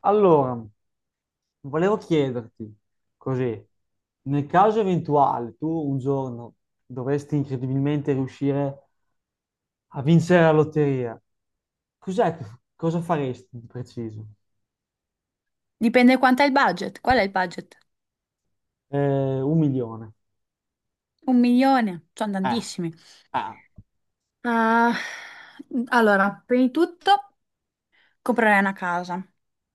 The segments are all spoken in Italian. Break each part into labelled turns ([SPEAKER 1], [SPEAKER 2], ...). [SPEAKER 1] Allora, volevo chiederti, così, nel caso eventuale tu un giorno dovresti incredibilmente riuscire a vincere la lotteria, cos'è che- cosa faresti di preciso?
[SPEAKER 2] Dipende quanto è il budget. Qual è il budget?
[SPEAKER 1] 1.000.000.
[SPEAKER 2] Un milione, sono
[SPEAKER 1] Eh,
[SPEAKER 2] tantissimi.
[SPEAKER 1] eh.
[SPEAKER 2] Ah, allora, prima di tutto comprerei una casa,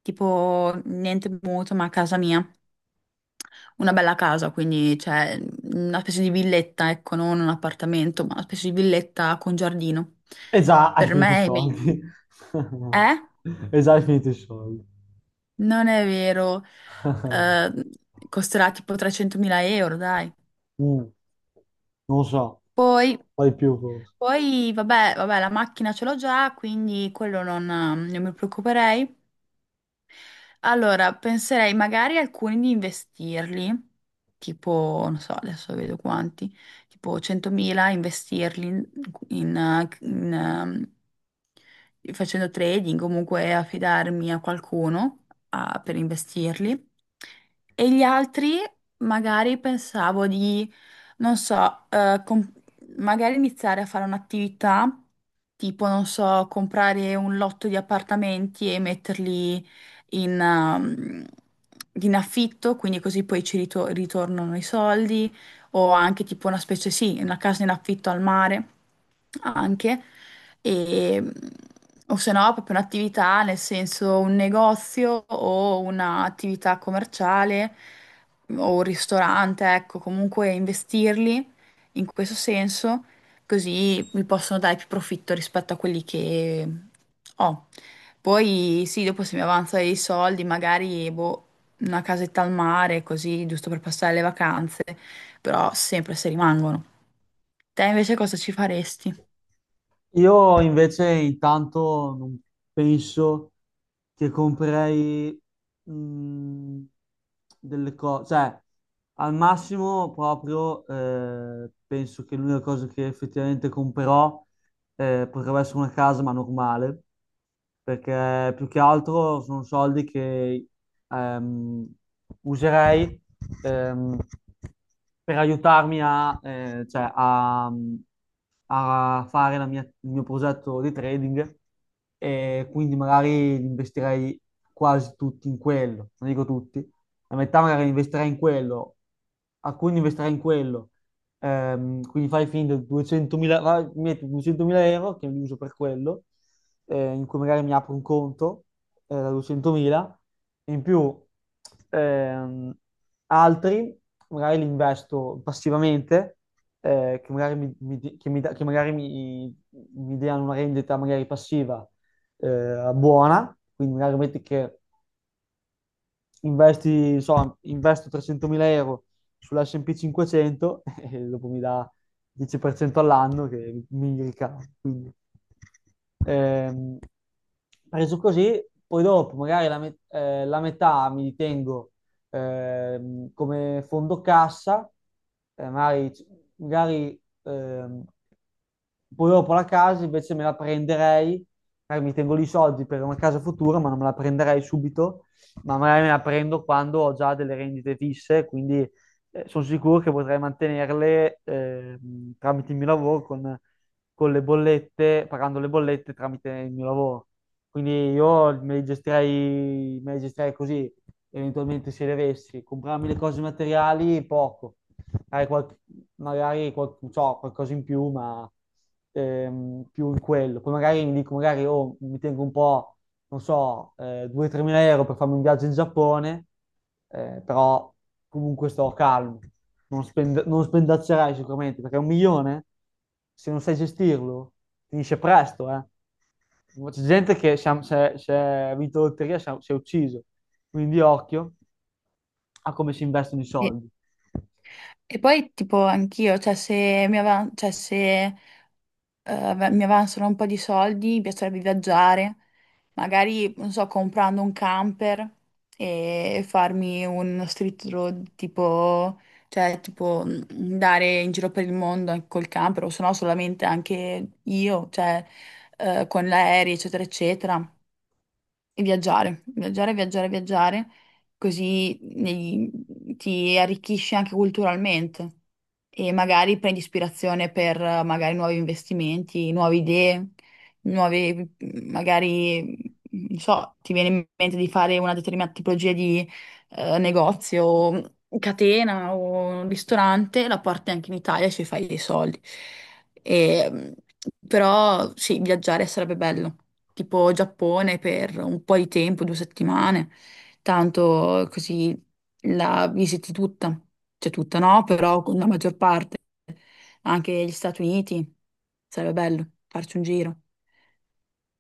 [SPEAKER 2] tipo niente mutuo, ma casa mia. Una bella casa, quindi cioè, una specie di villetta, ecco, non un appartamento, ma una specie di villetta con giardino.
[SPEAKER 1] E già hai
[SPEAKER 2] Per
[SPEAKER 1] finito i
[SPEAKER 2] me è meglio.
[SPEAKER 1] soldi.
[SPEAKER 2] Eh?
[SPEAKER 1] E già hai finito i soldi.
[SPEAKER 2] Non è vero. Eh, costerà tipo 300.000 euro, dai.
[SPEAKER 1] Mm, non so,
[SPEAKER 2] Poi
[SPEAKER 1] poi più forse.
[SPEAKER 2] Poi, vabbè, vabbè, la macchina ce l'ho già, quindi quello non mi preoccuperei. Allora, penserei magari alcuni di investirli, tipo, non so, adesso vedo quanti, tipo 100.000 investirli in facendo trading, comunque affidarmi a qualcuno ah, per investirli. E gli altri magari pensavo di, non so, magari iniziare a fare un'attività tipo, non so, comprare un lotto di appartamenti e metterli in, ehm, in affitto, quindi così poi ritornano i soldi, o anche tipo una specie, sì, una casa in affitto al mare, anche, e, o se no proprio un'attività, nel senso un negozio o un'attività commerciale o un ristorante, ecco, comunque investirli in questo senso, così mi possono dare più profitto rispetto a quelli che ho. Poi sì, dopo se mi avanza dei soldi, magari boh, una casetta al mare, così, giusto per passare le vacanze, però sempre se rimangono. Te invece cosa ci faresti?
[SPEAKER 1] Io invece intanto non penso che comprerei mh, delle cose, cioè al massimo proprio penso che l'unica cosa che effettivamente comprerò potrebbe essere una casa, ma normale, perché più che altro sono soldi che ehm, userei ehm, per aiutarmi a, cioè, a fare il mio progetto di trading, e quindi magari li investirei quasi tutti in quello, non dico tutti, la metà magari investirei in quello, alcuni investirei in quello. Quindi fai finta 200.000, vai, metti 200.000 € che li uso per quello, in cui magari mi apro un conto da 200.000, in più ehm, altri magari li investo passivamente, che magari, che mi che magari mi diano una rendita magari passiva buona, quindi magari metti che investo 300.000 € sull'S&P 500 e dopo mi dà 10% all'anno che mi ricavo. Quindi, ehm, preso così, poi dopo magari la metà mi ritengo come fondo cassa, eh, magari, magari, ehm, poi dopo la casa invece me la prenderei, magari mi tengo lì i soldi per una casa futura, ma non me la prenderei subito, ma magari me la prendo quando ho già delle rendite fisse, quindi sono sicuro che potrei mantenerle tramite il mio lavoro con le bollette, pagando le bollette tramite il mio lavoro. Quindi io me le gestirei così, eventualmente se le avessi. Comprarmi le cose materiali, poco hai qualcosa in più, ma più in quello. Poi magari mi dico, magari oh, mi tengo un po', non so, 2-3 mila euro per farmi un viaggio in Giappone, però comunque sto calmo. Non spendaccerai sicuramente, perché un milione, se non sai gestirlo, finisce presto, eh. C'è gente che si è vinto la lotteria, si è ucciso. Quindi occhio a come si investono i soldi.
[SPEAKER 2] E poi tipo anch'io, cioè se mi ava- cioè, se, ave- mi avanzano un po' di soldi, mi piacerebbe viaggiare, magari, non so, comprando un camper e farmi uno street road tipo, cioè tipo andare in giro per il mondo anche col camper, o se no solamente anche io, cioè con l'aereo, eccetera, eccetera. E viaggiare, viaggiare, viaggiare, viaggiare, così ti arricchisci anche culturalmente e magari prendi ispirazione per magari nuovi investimenti, nuove idee, nuovi, magari, non so, ti viene in mente di fare una determinata tipologia di negozio, o catena o un ristorante, la porti anche in Italia e ci fai dei soldi. E, però sì, viaggiare sarebbe bello tipo Giappone per un po' di tempo, due settimane, tanto così la visiti tutta, cioè tutta no, però con la maggior parte, anche gli Stati Uniti, sarebbe bello farci un giro.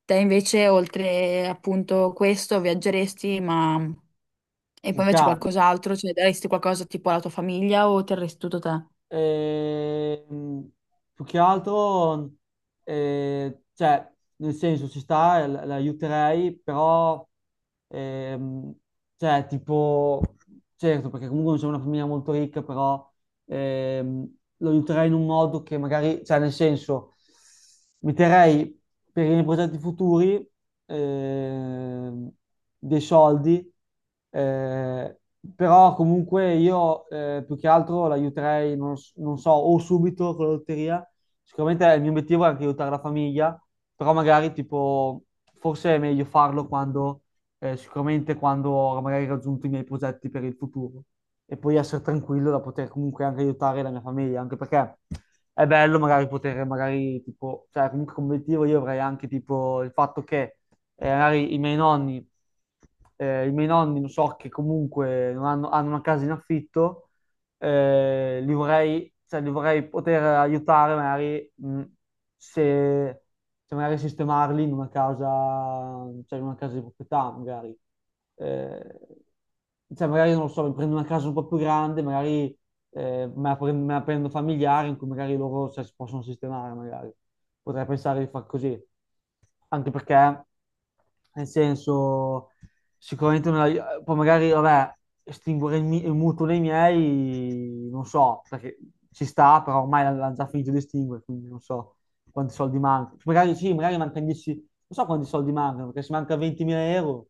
[SPEAKER 2] Te invece, oltre appunto questo, viaggeresti, ma... E
[SPEAKER 1] Con
[SPEAKER 2] poi invece
[SPEAKER 1] calma.
[SPEAKER 2] qualcos'altro, cioè daresti qualcosa tipo alla tua famiglia o terresti tutto te?
[SPEAKER 1] Ehm, Più che altro, cioè, nel senso, ci sta, l'aiuterei, però, ehm, cioè, tipo, certo, perché comunque non c'è una famiglia molto ricca, però ehm, lo aiuterei in un modo che magari, cioè nel senso, metterei per i miei progetti futuri ehm, dei soldi, eh, però comunque io più che altro l'aiuterei, non so, o subito con la lotteria, sicuramente il mio obiettivo è anche aiutare la famiglia, però magari tipo forse è meglio farlo quando sicuramente quando ho magari raggiunto i miei progetti per il futuro e poi essere tranquillo da poter comunque anche aiutare la mia famiglia, anche perché è bello magari poter, magari tipo, cioè comunque come obiettivo io avrei anche tipo il fatto che magari i miei nonni non so che comunque non hanno, hanno una casa in affitto, li vorrei, cioè, li vorrei poter aiutare magari se, se magari sistemarli in una casa, cioè in una casa di proprietà magari. Eh, cioè magari non lo so, mi prendo una casa un po' più grande, magari me la prendo familiare in cui magari loro cioè, si possono sistemare, magari. Potrei pensare di far così. Anche perché, nel senso, sicuramente non la- poi magari, vabbè, estinguere il mutuo dei miei, non so, perché ci sta, però ormai l'ha già finito di estinguere, quindi non so quanti soldi mancano. Magari sì, magari mancano 10, non so quanti soldi mancano, perché se manca 20.000 euro,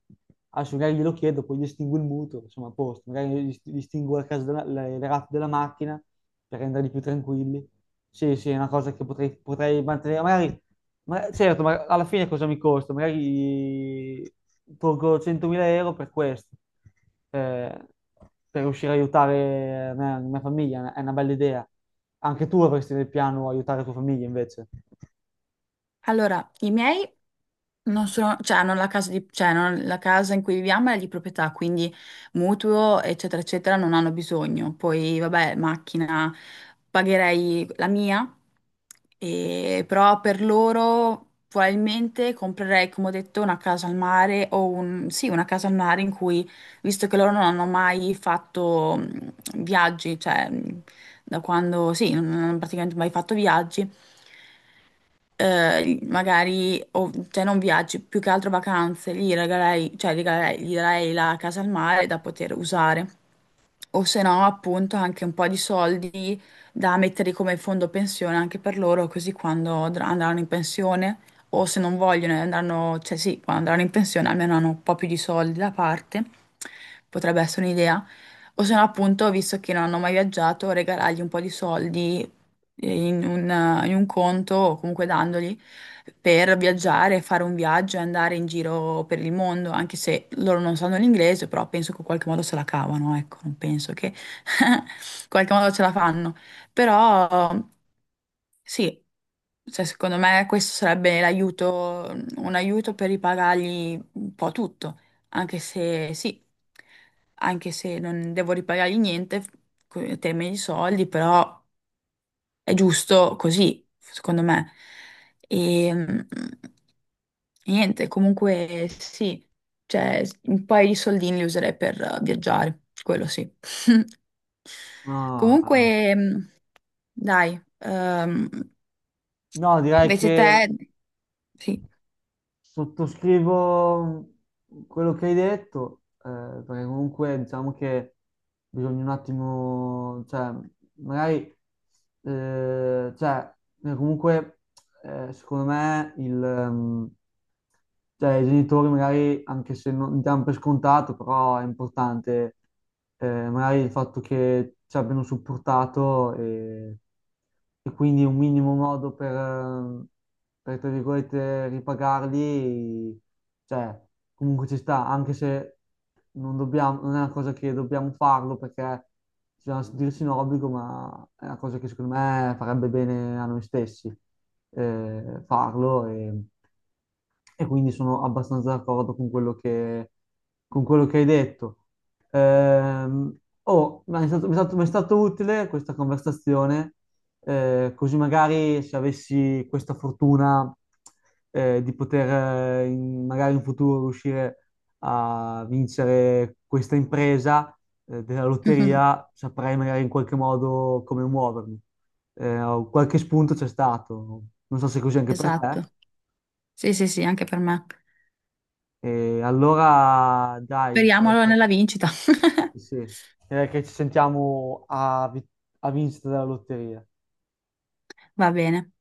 [SPEAKER 1] adesso magari glielo chiedo, poi gli estingo il mutuo, insomma, a posto, magari gli estingo le rate della macchina per renderli più tranquilli. Sì, sì, è una cosa che potrei mantenere, magari, certo, ma alla fine cosa mi costa? Magari tolgo 100.000 € per questo, eh, per riuscire a aiutare la mia famiglia, è una bella idea. Anche tu avresti nel piano aiutare la tua famiglia invece.
[SPEAKER 2] Allora, i miei non sono, cioè, non la casa di- cioè, non- la casa in cui viviamo è di proprietà, quindi mutuo, eccetera, eccetera, non hanno bisogno. Poi, vabbè, macchina, pagherei la mia, però per loro probabilmente comprerei, come ho detto, una casa al mare o un, sì, una casa al mare in cui, visto che loro non hanno mai fatto viaggi, cioè, da quando, sì, non hanno praticamente mai fatto viaggi magari, cioè non viaggi, più che altro vacanze, cioè regalerei, gli darei la casa al mare da poter usare. O se no, appunto, anche un po' di soldi da mettere come fondo pensione anche per loro, così quando andranno in pensione, o se non vogliono, e andranno, cioè sì, quando andranno in pensione almeno hanno un po' più di soldi da parte, potrebbe essere un'idea. O se no, appunto, visto che non hanno mai viaggiato, regalargli un po' di soldi in un, in un conto o comunque dandoli per viaggiare, fare un viaggio e andare in giro per il mondo, anche se loro non sanno l'inglese, però penso che in qualche modo se la cavano, ecco, non penso che in qualche modo ce la fanno. Però sì, cioè, secondo me questo sarebbe l'aiuto, un aiuto per ripagargli un po' tutto, anche se sì, anche se non devo ripagargli niente, in termini di soldi, però... È giusto così, secondo me. E mm, niente, comunque sì, cioè un paio di soldini li userei per viaggiare, quello sì.
[SPEAKER 1] Ah, ah.
[SPEAKER 2] Comunque, mm, dai,
[SPEAKER 1] No, direi
[SPEAKER 2] invece
[SPEAKER 1] che
[SPEAKER 2] te, sì,
[SPEAKER 1] sottoscrivo quello che hai detto, perché comunque diciamo che bisogna un attimo, cioè, magari, cioè, comunque, secondo me cioè, i genitori magari, anche se non diamo per scontato, però è importante magari il fatto che ci abbiano supportato e quindi un minimo modo per, tra virgolette, ripagarli, cioè, comunque ci sta, anche se non dobbiamo, non è una cosa che dobbiamo farlo perché bisogna sentirsi in obbligo, ma è una cosa che secondo me farebbe bene a noi stessi farlo. E quindi sono abbastanza d'accordo con quello che hai detto. Ehm, oh, ma mi è stato utile questa conversazione, così magari se avessi questa fortuna, di poter, magari in futuro riuscire a vincere questa impresa, della lotteria, saprei magari in qualche modo come muovermi. Qualche spunto c'è stato. Non so se è così anche per
[SPEAKER 2] esatto.
[SPEAKER 1] te.
[SPEAKER 2] Sì, sì, sì, anche per me.
[SPEAKER 1] E allora dai,
[SPEAKER 2] Speriamo
[SPEAKER 1] direi
[SPEAKER 2] allora
[SPEAKER 1] che,
[SPEAKER 2] nella vincita.
[SPEAKER 1] sì, sì, direi che ci sentiamo a vincita della lotteria.
[SPEAKER 2] Va bene.